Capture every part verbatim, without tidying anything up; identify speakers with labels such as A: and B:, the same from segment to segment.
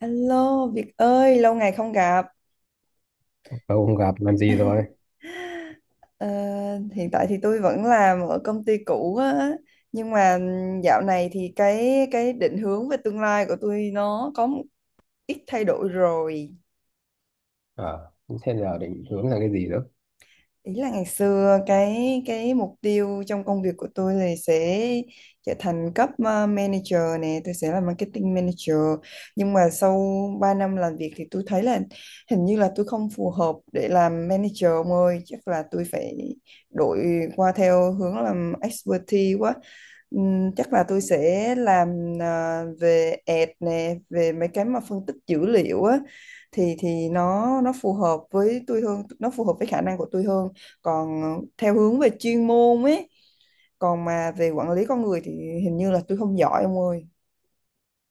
A: Alo Việt ơi, lâu ngày không gặp.
B: Lâu không gặp làm gì rồi?
A: Ờ, hiện tại thì tôi vẫn làm ở công ty cũ á, nhưng mà dạo này thì cái cái định hướng về tương lai của tôi nó có một ít thay đổi rồi.
B: Ờ, Thế giờ định hướng là cái gì nữa?
A: ý là ngày xưa cái cái mục tiêu trong công việc của tôi là sẽ trở thành cấp uh, manager nè, tôi sẽ là marketing manager, nhưng mà sau ba năm làm việc thì tôi thấy là hình như là tôi không phù hợp để làm manager ông ơi. Chắc là tôi phải đổi qua theo hướng làm expertise quá. Ừm, chắc là tôi sẽ làm, à, về ad nè, về mấy cái mà phân tích dữ liệu á, thì thì nó nó phù hợp với tôi hơn, nó phù hợp với khả năng của tôi hơn. Còn theo hướng về chuyên môn ấy, còn mà về quản lý con người thì hình như là tôi không giỏi ông ơi.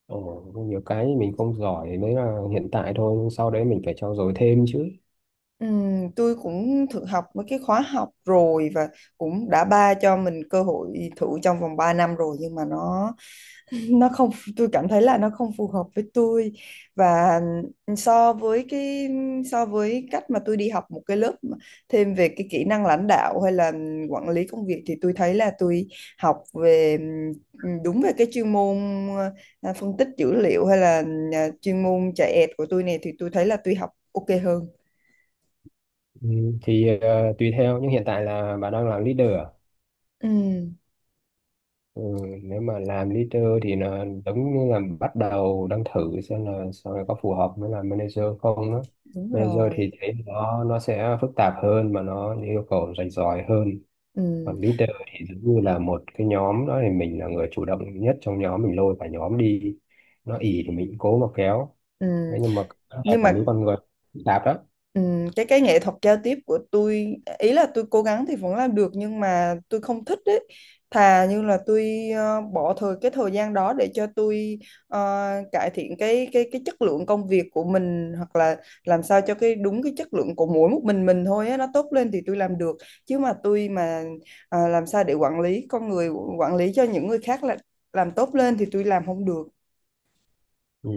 B: Ồ, có nhiều cái mình không giỏi đấy là hiện tại thôi, nhưng sau đấy mình phải trau dồi thêm chứ.
A: Ừm, tôi cũng thử học mấy cái khóa học rồi, và cũng đã ba cho mình cơ hội thử trong vòng ba năm rồi, nhưng mà nó nó không, tôi cảm thấy là nó không phù hợp với tôi. Và ừ, so với cái, so với cách mà tôi đi học một cái lớp mà thêm về cái kỹ năng lãnh đạo hay là quản lý công việc, thì tôi thấy là tôi học về ừ, đúng về cái chuyên môn, ờ, phân tích dữ liệu, hay là ờ, chuyên môn chạy ẹt của tôi này, thì tôi thấy là tôi học ok hơn.
B: Ừ, thì ờ, Tùy theo, nhưng hiện tại là bà đang làm leader à?
A: Ừ,
B: Ừ, nếu mà làm leader thì là giống như là bắt đầu đang thử xem là sau này có phù hợp với làm manager không đó.
A: đúng
B: Manager
A: rồi.
B: thì thấy nó nó sẽ phức tạp hơn mà nó yêu cầu rành giỏi hơn,
A: Ừ.
B: còn leader thì giống như là một cái nhóm đó thì mình là người chủ động nhất trong nhóm, mình lôi cả nhóm đi, nó ì thì mình cũng cố mà kéo
A: Ừ,
B: đấy. Nhưng mà nhà
A: nhưng mà
B: quản lý con người phức tạp lắm.
A: Ừm, cái cái nghệ thuật giao tiếp của tôi, ý là tôi cố gắng thì vẫn làm được nhưng mà tôi không thích đấy. Thà như là tôi ờ, bỏ thời cái thời gian đó để cho tôi ờ, cải thiện cái cái cái chất lượng công việc của mình, hoặc là làm sao cho cái đúng cái chất lượng của mỗi một mình mình thôi á, nó tốt lên thì tôi làm được. Chứ mà tôi mà ờ, làm sao để quản lý con người, quản lý cho những người khác là làm tốt lên thì tôi làm không được.
B: Ừ,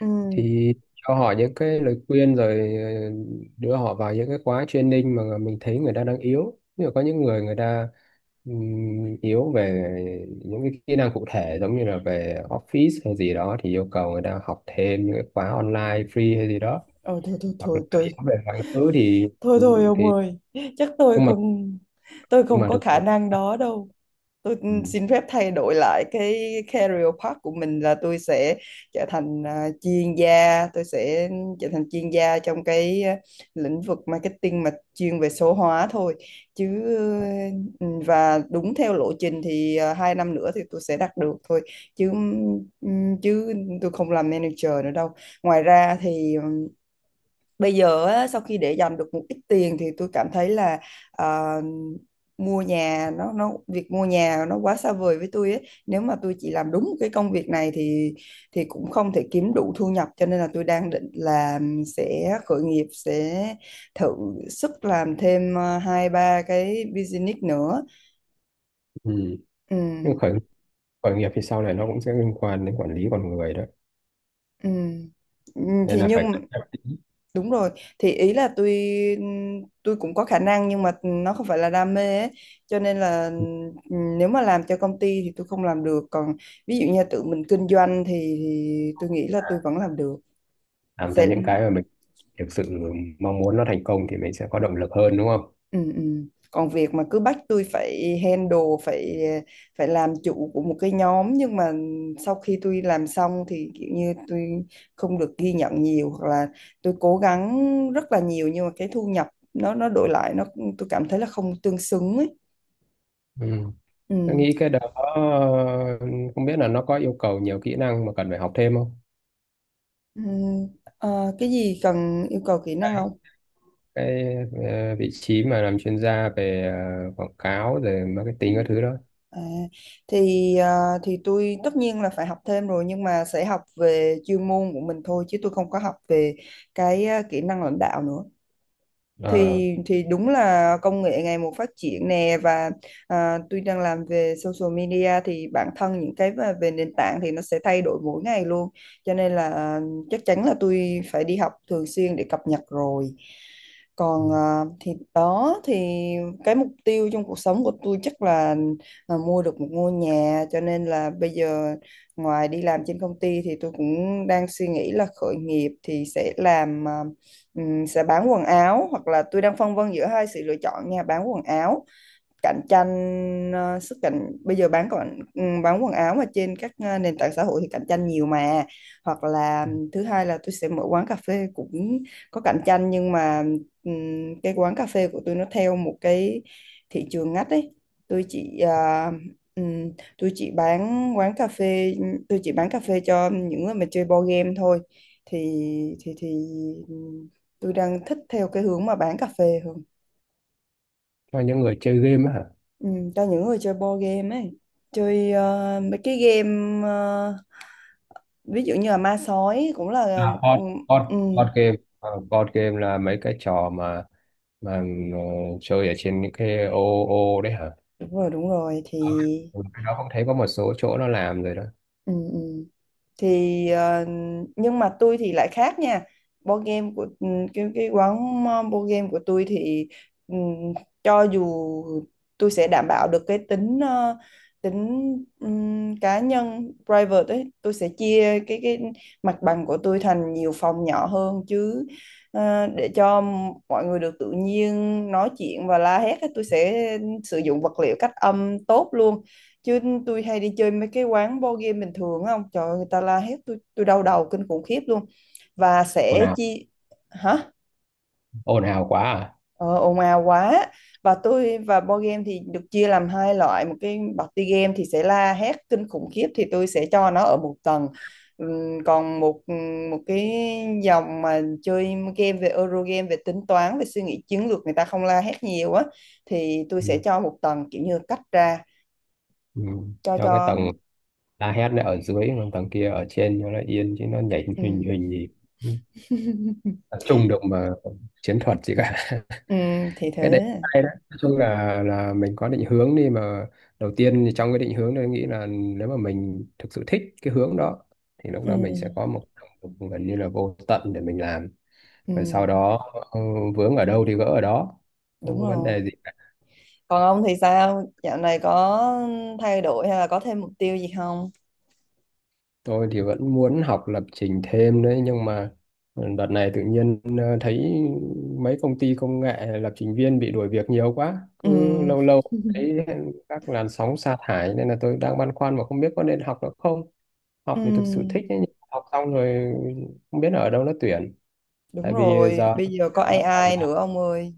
A: Ừ.
B: thì cho họ những cái lời khuyên rồi, ờ, đưa họ vào những cái khóa training mà mình thấy người ta đang yếu, nhưng mà có những người người ta ừm, yếu về những cái kỹ năng cụ thể, giống như là về office hay gì đó thì yêu cầu người ta học thêm những cái khóa online free hay gì đó,
A: Ờ, thôi thôi
B: hoặc là
A: thôi tôi,
B: hiểu về quá khứ thì
A: thôi thôi ông
B: thì
A: ơi, chắc tôi
B: nhưng mà
A: không tôi
B: nhưng
A: không
B: mà
A: có
B: được
A: khả
B: được.
A: năng đó đâu. Tôi ừ,
B: Ừ.
A: xin phép thay đổi lại cái career path của mình là tôi sẽ trở thành, à, chuyên gia, tôi sẽ trở thành chuyên gia trong cái, à, lĩnh vực marketing mà chuyên về số hóa thôi. Chứ ừ, và đúng theo lộ trình thì à, hai năm nữa thì tôi sẽ đạt được thôi. Chứ ừ, chứ tôi không làm manager nữa đâu. Ngoài ra thì bây giờ á, sau khi để dành được một ít tiền thì tôi cảm thấy là ờ, mua nhà nó nó việc mua nhà nó quá xa vời với tôi ấy. Nếu mà tôi chỉ làm đúng cái công việc này thì thì cũng không thể kiếm đủ thu nhập, cho nên là tôi đang định là sẽ khởi nghiệp, sẽ thử sức làm thêm ờ, hai ba cái business nữa.
B: Ừ.
A: Ừ.
B: Nhưng khởi khởi nghiệp thì sau này nó cũng sẽ liên quan đến quản lý con người đó,
A: Ừ. Ừ,
B: nên
A: thì
B: là phải cẩn
A: nhưng
B: trọng tí.
A: đúng rồi, thì ý là tôi tôi cũng có khả năng nhưng mà nó không phải là đam mê ấy. Cho nên là ừm, nếu mà làm cho công ty thì tôi không làm được, còn ví dụ như tự mình kinh doanh thì, thì, tôi nghĩ là tôi vẫn
B: À,
A: làm được.
B: làm cho
A: Sẽ.
B: những cái mà mình thực sự mong muốn nó thành công thì mình sẽ có động lực hơn đúng không?
A: Ừ, ừ. Còn việc mà cứ bắt tôi phải handle, phải phải làm chủ của một cái nhóm, nhưng mà sau khi tôi làm xong thì kiểu như tôi không được ghi nhận nhiều, hoặc là tôi cố gắng rất là nhiều nhưng mà cái thu nhập, nó nó đổi lại nó, tôi cảm thấy là không tương xứng ấy.
B: Ừ. Tôi
A: Ừ.
B: nghĩ cái đó không biết là nó có yêu cầu nhiều kỹ năng mà cần phải học thêm không.
A: Ừ. Ờ, cái gì cần yêu cầu kỹ năng
B: cái,
A: không?
B: cái ờ, Vị trí mà làm chuyên gia về ờ, quảng cáo rồi marketing các thứ đó.
A: À, thì à, thì tôi tất nhiên là phải học thêm rồi, nhưng mà sẽ học về chuyên môn của mình thôi chứ tôi không có học về cái, à, kỹ năng lãnh đạo nữa.
B: Ờ.
A: thì thì đúng là công nghệ ngày một phát triển nè, và à, tuy đang làm về social media thì bản thân những cái về, về nền tảng thì nó sẽ thay đổi mỗi ngày luôn. Cho nên là à, chắc chắn là tôi phải đi học thường xuyên để cập nhật rồi.
B: Ừ.
A: Còn à, thì đó thì cái mục tiêu trong cuộc sống của tôi chắc là à, mua được một ngôi nhà. Cho nên là bây giờ ngoài đi làm trên công ty thì tôi cũng đang suy nghĩ là khởi nghiệp thì sẽ làm, à, Ừm, sẽ bán quần áo, hoặc là tôi đang phân vân giữa hai sự lựa chọn nha. Bán quần áo cạnh tranh, ờ, sức cạnh bây giờ bán, còn bán quần áo mà trên các, ờ, nền tảng xã hội thì cạnh tranh nhiều mà. Hoặc là thứ hai là tôi sẽ mở quán cà phê, cũng có cạnh tranh nhưng mà ừm, cái quán cà phê của tôi nó theo một cái thị trường ngách ấy. Tôi chỉ ờ, ừm, tôi chỉ bán quán cà phê tôi chỉ bán cà phê cho những người mà chơi board game thôi. thì thì thì ừ, tôi đang thích theo cái hướng mà bán cà phê hơn.
B: Cho những người chơi game á hả?
A: Ừ, cho những người chơi board game ấy, chơi ờ, mấy cái game, ờ, ví dụ như là ma sói cũng là.
B: À,
A: Ừ,
B: board, board,
A: ừ,
B: Board game. Ờ, Board game là mấy cái trò mà mà ờ, chơi ở trên những cái ô ô đấy hả?
A: đúng rồi, đúng rồi. Thì
B: Ờ, ừ, cái đó cũng thấy có một số chỗ nó làm rồi đó.
A: ừ, ừ, thì ờ, nhưng mà tôi thì lại khác nha. Board game của, ừ, cái cái quán ờ, board game của tôi thì ừm, cho dù, tôi sẽ đảm bảo được cái tính ờ, tính ừm, cá nhân private ấy. Tôi sẽ chia cái cái mặt bằng của tôi thành nhiều phòng nhỏ hơn, chứ ờ, để cho mọi người được tự nhiên nói chuyện và la hét ấy. Tôi sẽ sử dụng vật liệu cách âm tốt luôn. Chứ tôi hay đi chơi mấy cái quán board game bình thường á, ông Trời ơi, người ta la hét, tôi tôi đau đầu kinh khủng khiếp luôn. Và
B: Ồn
A: sẽ
B: ào,
A: chia. Hả?
B: ồn ào quá à?
A: Ờ, ồn ào quá. Và tôi và board game thì được chia làm hai loại. Một cái party game thì sẽ la hét kinh khủng khiếp, thì tôi sẽ cho nó ở một tầng. Ừm, Còn một, một cái dòng mà chơi game về Euro game, về tính toán, về suy nghĩ chiến lược, người ta không la hét nhiều á, thì tôi sẽ
B: Ừ.
A: cho một tầng kiểu như cách ra.
B: Ừ.
A: Cho
B: Cho cái tầng
A: cho
B: la hét này ở dưới, còn tầng kia ở trên cho nó yên chứ nó nhảy hình
A: ừm.
B: hình gì. Ừ. Tập trung được mà chiến thuật gì cả.
A: Ừ, thì
B: Cái đấy
A: thế.
B: hay đấy. Nói chung là là mình có định hướng đi mà. Đầu tiên thì trong cái định hướng, tôi nghĩ là nếu mà mình thực sự thích cái hướng đó thì lúc
A: Ừ,
B: đó mình sẽ có một động lực gần như là vô tận để mình làm,
A: ừ,
B: và sau đó, ừ, vướng ở đâu thì gỡ ở đó, không
A: đúng
B: có vấn đề
A: rồi.
B: gì.
A: Còn ông thì sao? Dạo này có thay đổi hay là có thêm mục tiêu gì không?
B: Tôi thì vẫn muốn học lập trình thêm đấy, nhưng mà, ừ, đợt này tự nhiên ờ, thấy mấy công ty công nghệ lập trình viên bị đuổi việc nhiều quá.
A: Ừ.
B: Cứ lâu lâu thấy các làn sóng sa thải, nên là tôi đang băn khoăn mà không biết có nên học nữa không.
A: Ừ,
B: Học thì thực sự thích ấy, nhưng học xong rồi không biết ở đâu nó tuyển. Tại
A: đúng
B: vì
A: rồi.
B: giờ
A: Bây giờ có
B: nó toàn,
A: a i nữa ông ơi.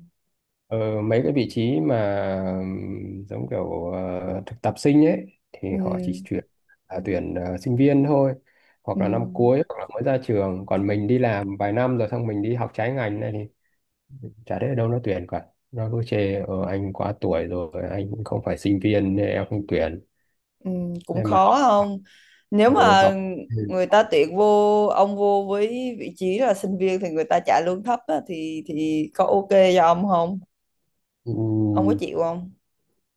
B: ờ, mấy cái vị trí mà ừm, giống kiểu ờ, thực tập sinh ấy thì
A: Ừ,
B: họ chỉ tuyển, à, tuyển ờ, sinh viên thôi,
A: ừ,
B: hoặc là năm cuối hoặc là mới ra trường, còn mình đi làm vài năm rồi xong mình đi học trái ngành này thì chả thấy ở đâu nó tuyển cả, nó cứ chê, ờ, anh quá tuổi rồi, anh cũng không phải sinh viên nên em không tuyển.
A: ừ, cũng
B: Nên mà
A: khó
B: học
A: không? Nếu
B: ừ,
A: mà
B: học
A: người ta tuyển vô, ông vô với vị trí là sinh viên thì người ta trả lương thấp á, thì thì có ok cho ông không?
B: Ừ,
A: Ông có chịu không?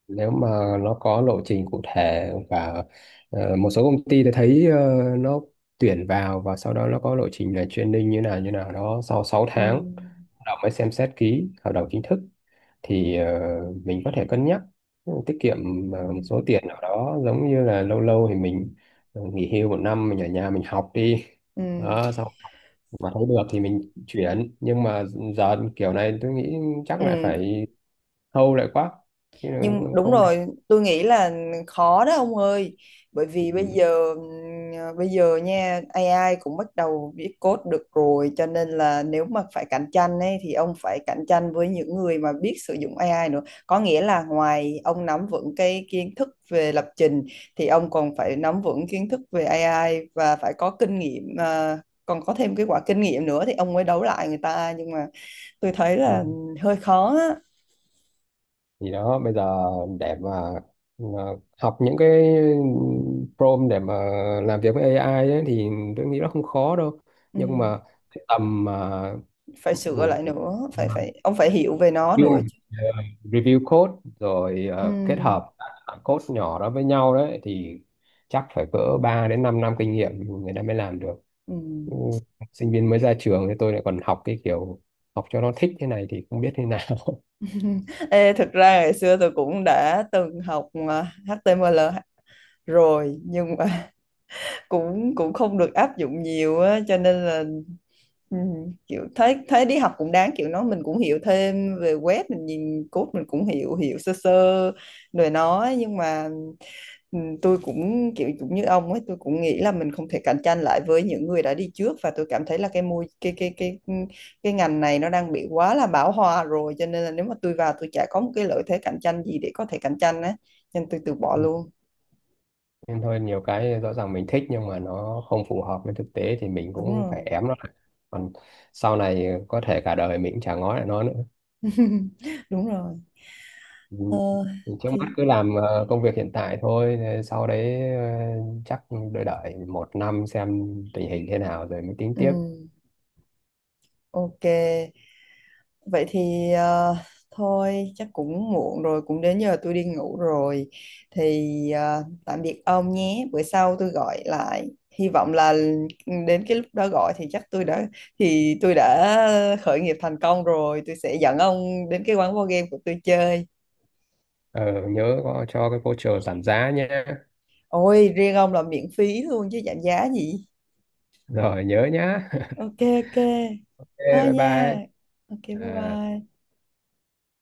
B: nếu mà nó có lộ trình cụ thể và, ờ, một số công ty thì thấy, ờ, nó tuyển vào và sau đó nó có lộ trình là training như nào như nào đó, sau sáu
A: Ừ.
B: tháng hợp đồng mới xem xét ký hợp đồng chính thức, thì ờ, mình có thể cân nhắc. Ừ, tiết kiệm
A: Ừ.
B: ờ, một số tiền nào đó, giống như là lâu lâu thì mình, ờ, nghỉ hưu một năm mình ở nhà mình học đi,
A: Ừ.
B: đó, sau mà thấy được thì mình chuyển. Nhưng mà giờ kiểu này tôi nghĩ chắc lại
A: Ừ.
B: phải thâu lại quá, chứ
A: Nhưng đúng
B: không
A: rồi, tôi nghĩ là khó đó ông ơi, bởi
B: thể.
A: vì bây giờ bây giờ nha, a i cũng bắt đầu viết code được rồi, cho nên là nếu mà phải cạnh tranh ấy thì ông phải cạnh tranh với những người mà biết sử dụng a i nữa. Có nghĩa là ngoài ông nắm vững cái kiến thức về lập trình thì ông còn phải nắm vững kiến thức về a i, và phải có kinh nghiệm, à, còn có thêm cái quả kinh nghiệm nữa, thì ông mới đấu lại người ta. Nhưng mà tôi thấy là
B: Ừ.
A: hơi khó á.
B: Thì đó bây giờ để mà mà học những cái prompt để mà làm việc với a i ấy, thì tôi nghĩ nó không khó đâu.
A: Ừ.
B: Nhưng mà cái tầm mà
A: Phải sửa lại nữa, phải, phải ông phải hiểu về nó nữa
B: review,
A: chứ.
B: review code rồi,
A: Ừ.
B: ờ, kết hợp các code nhỏ đó với nhau đấy, thì chắc phải cỡ ba đến 5 năm kinh nghiệm người ta mới làm được.
A: Ừ.
B: Ừ, sinh viên mới ra trường thì tôi lại còn học cái kiểu học cho nó thích thế này thì không biết thế nào.
A: Ê, thực ra ngày xưa tôi cũng đã từng học, à, ếch ti em eo rồi nhưng mà cũng cũng không được áp dụng nhiều á, cho nên là Ừ, kiểu thấy, thấy đi học cũng đáng, kiểu nó mình cũng hiểu thêm về web, mình nhìn code mình cũng hiểu hiểu sơ sơ rồi nó, nhưng mà ừ, tôi cũng kiểu cũng như ông ấy, tôi cũng nghĩ là mình không thể cạnh tranh lại với những người đã đi trước. Và tôi cảm thấy là cái môi cái cái cái ừ, cái ngành này nó đang bị quá là bão hòa rồi. Cho nên là nếu mà tôi vào, tôi chả có một cái lợi thế cạnh tranh gì để có thể cạnh tranh á, nên tôi từ bỏ luôn.
B: Nên thôi, nhiều cái rõ ràng mình thích nhưng mà nó không phù hợp với thực tế thì mình
A: Đúng
B: cũng phải
A: rồi.
B: ém nó lại, còn sau này có thể cả đời mình cũng chả ngó lại nó nữa.
A: Đúng rồi.
B: Ừ.
A: ờ,
B: Thì trước mắt
A: thì
B: cứ làm, ờ, công việc hiện tại thôi, rồi sau đấy, ờ, chắc đợi đợi một năm xem tình hình thế nào rồi mới tính tiếp.
A: ừ, ok. Vậy thì ờ, thôi, chắc cũng muộn rồi, cũng đến giờ tôi đi ngủ rồi. Thì ờ, tạm biệt ông nhé. Bữa sau tôi gọi lại. Hy vọng là ừ, đến cái lúc đó gọi thì chắc tôi đã, thì tôi đã khởi nghiệp thành công rồi. Tôi sẽ dẫn ông đến cái quán board game của tôi chơi.
B: Ờ, nhớ có cho cái voucher giảm giá nhé.
A: Ôi, riêng ông là miễn phí luôn chứ giảm giá gì.
B: Rồi nhớ nhá.
A: Ok ok.
B: Thế,
A: Thôi
B: bye bye.
A: nha. Ok bye
B: À.
A: bye.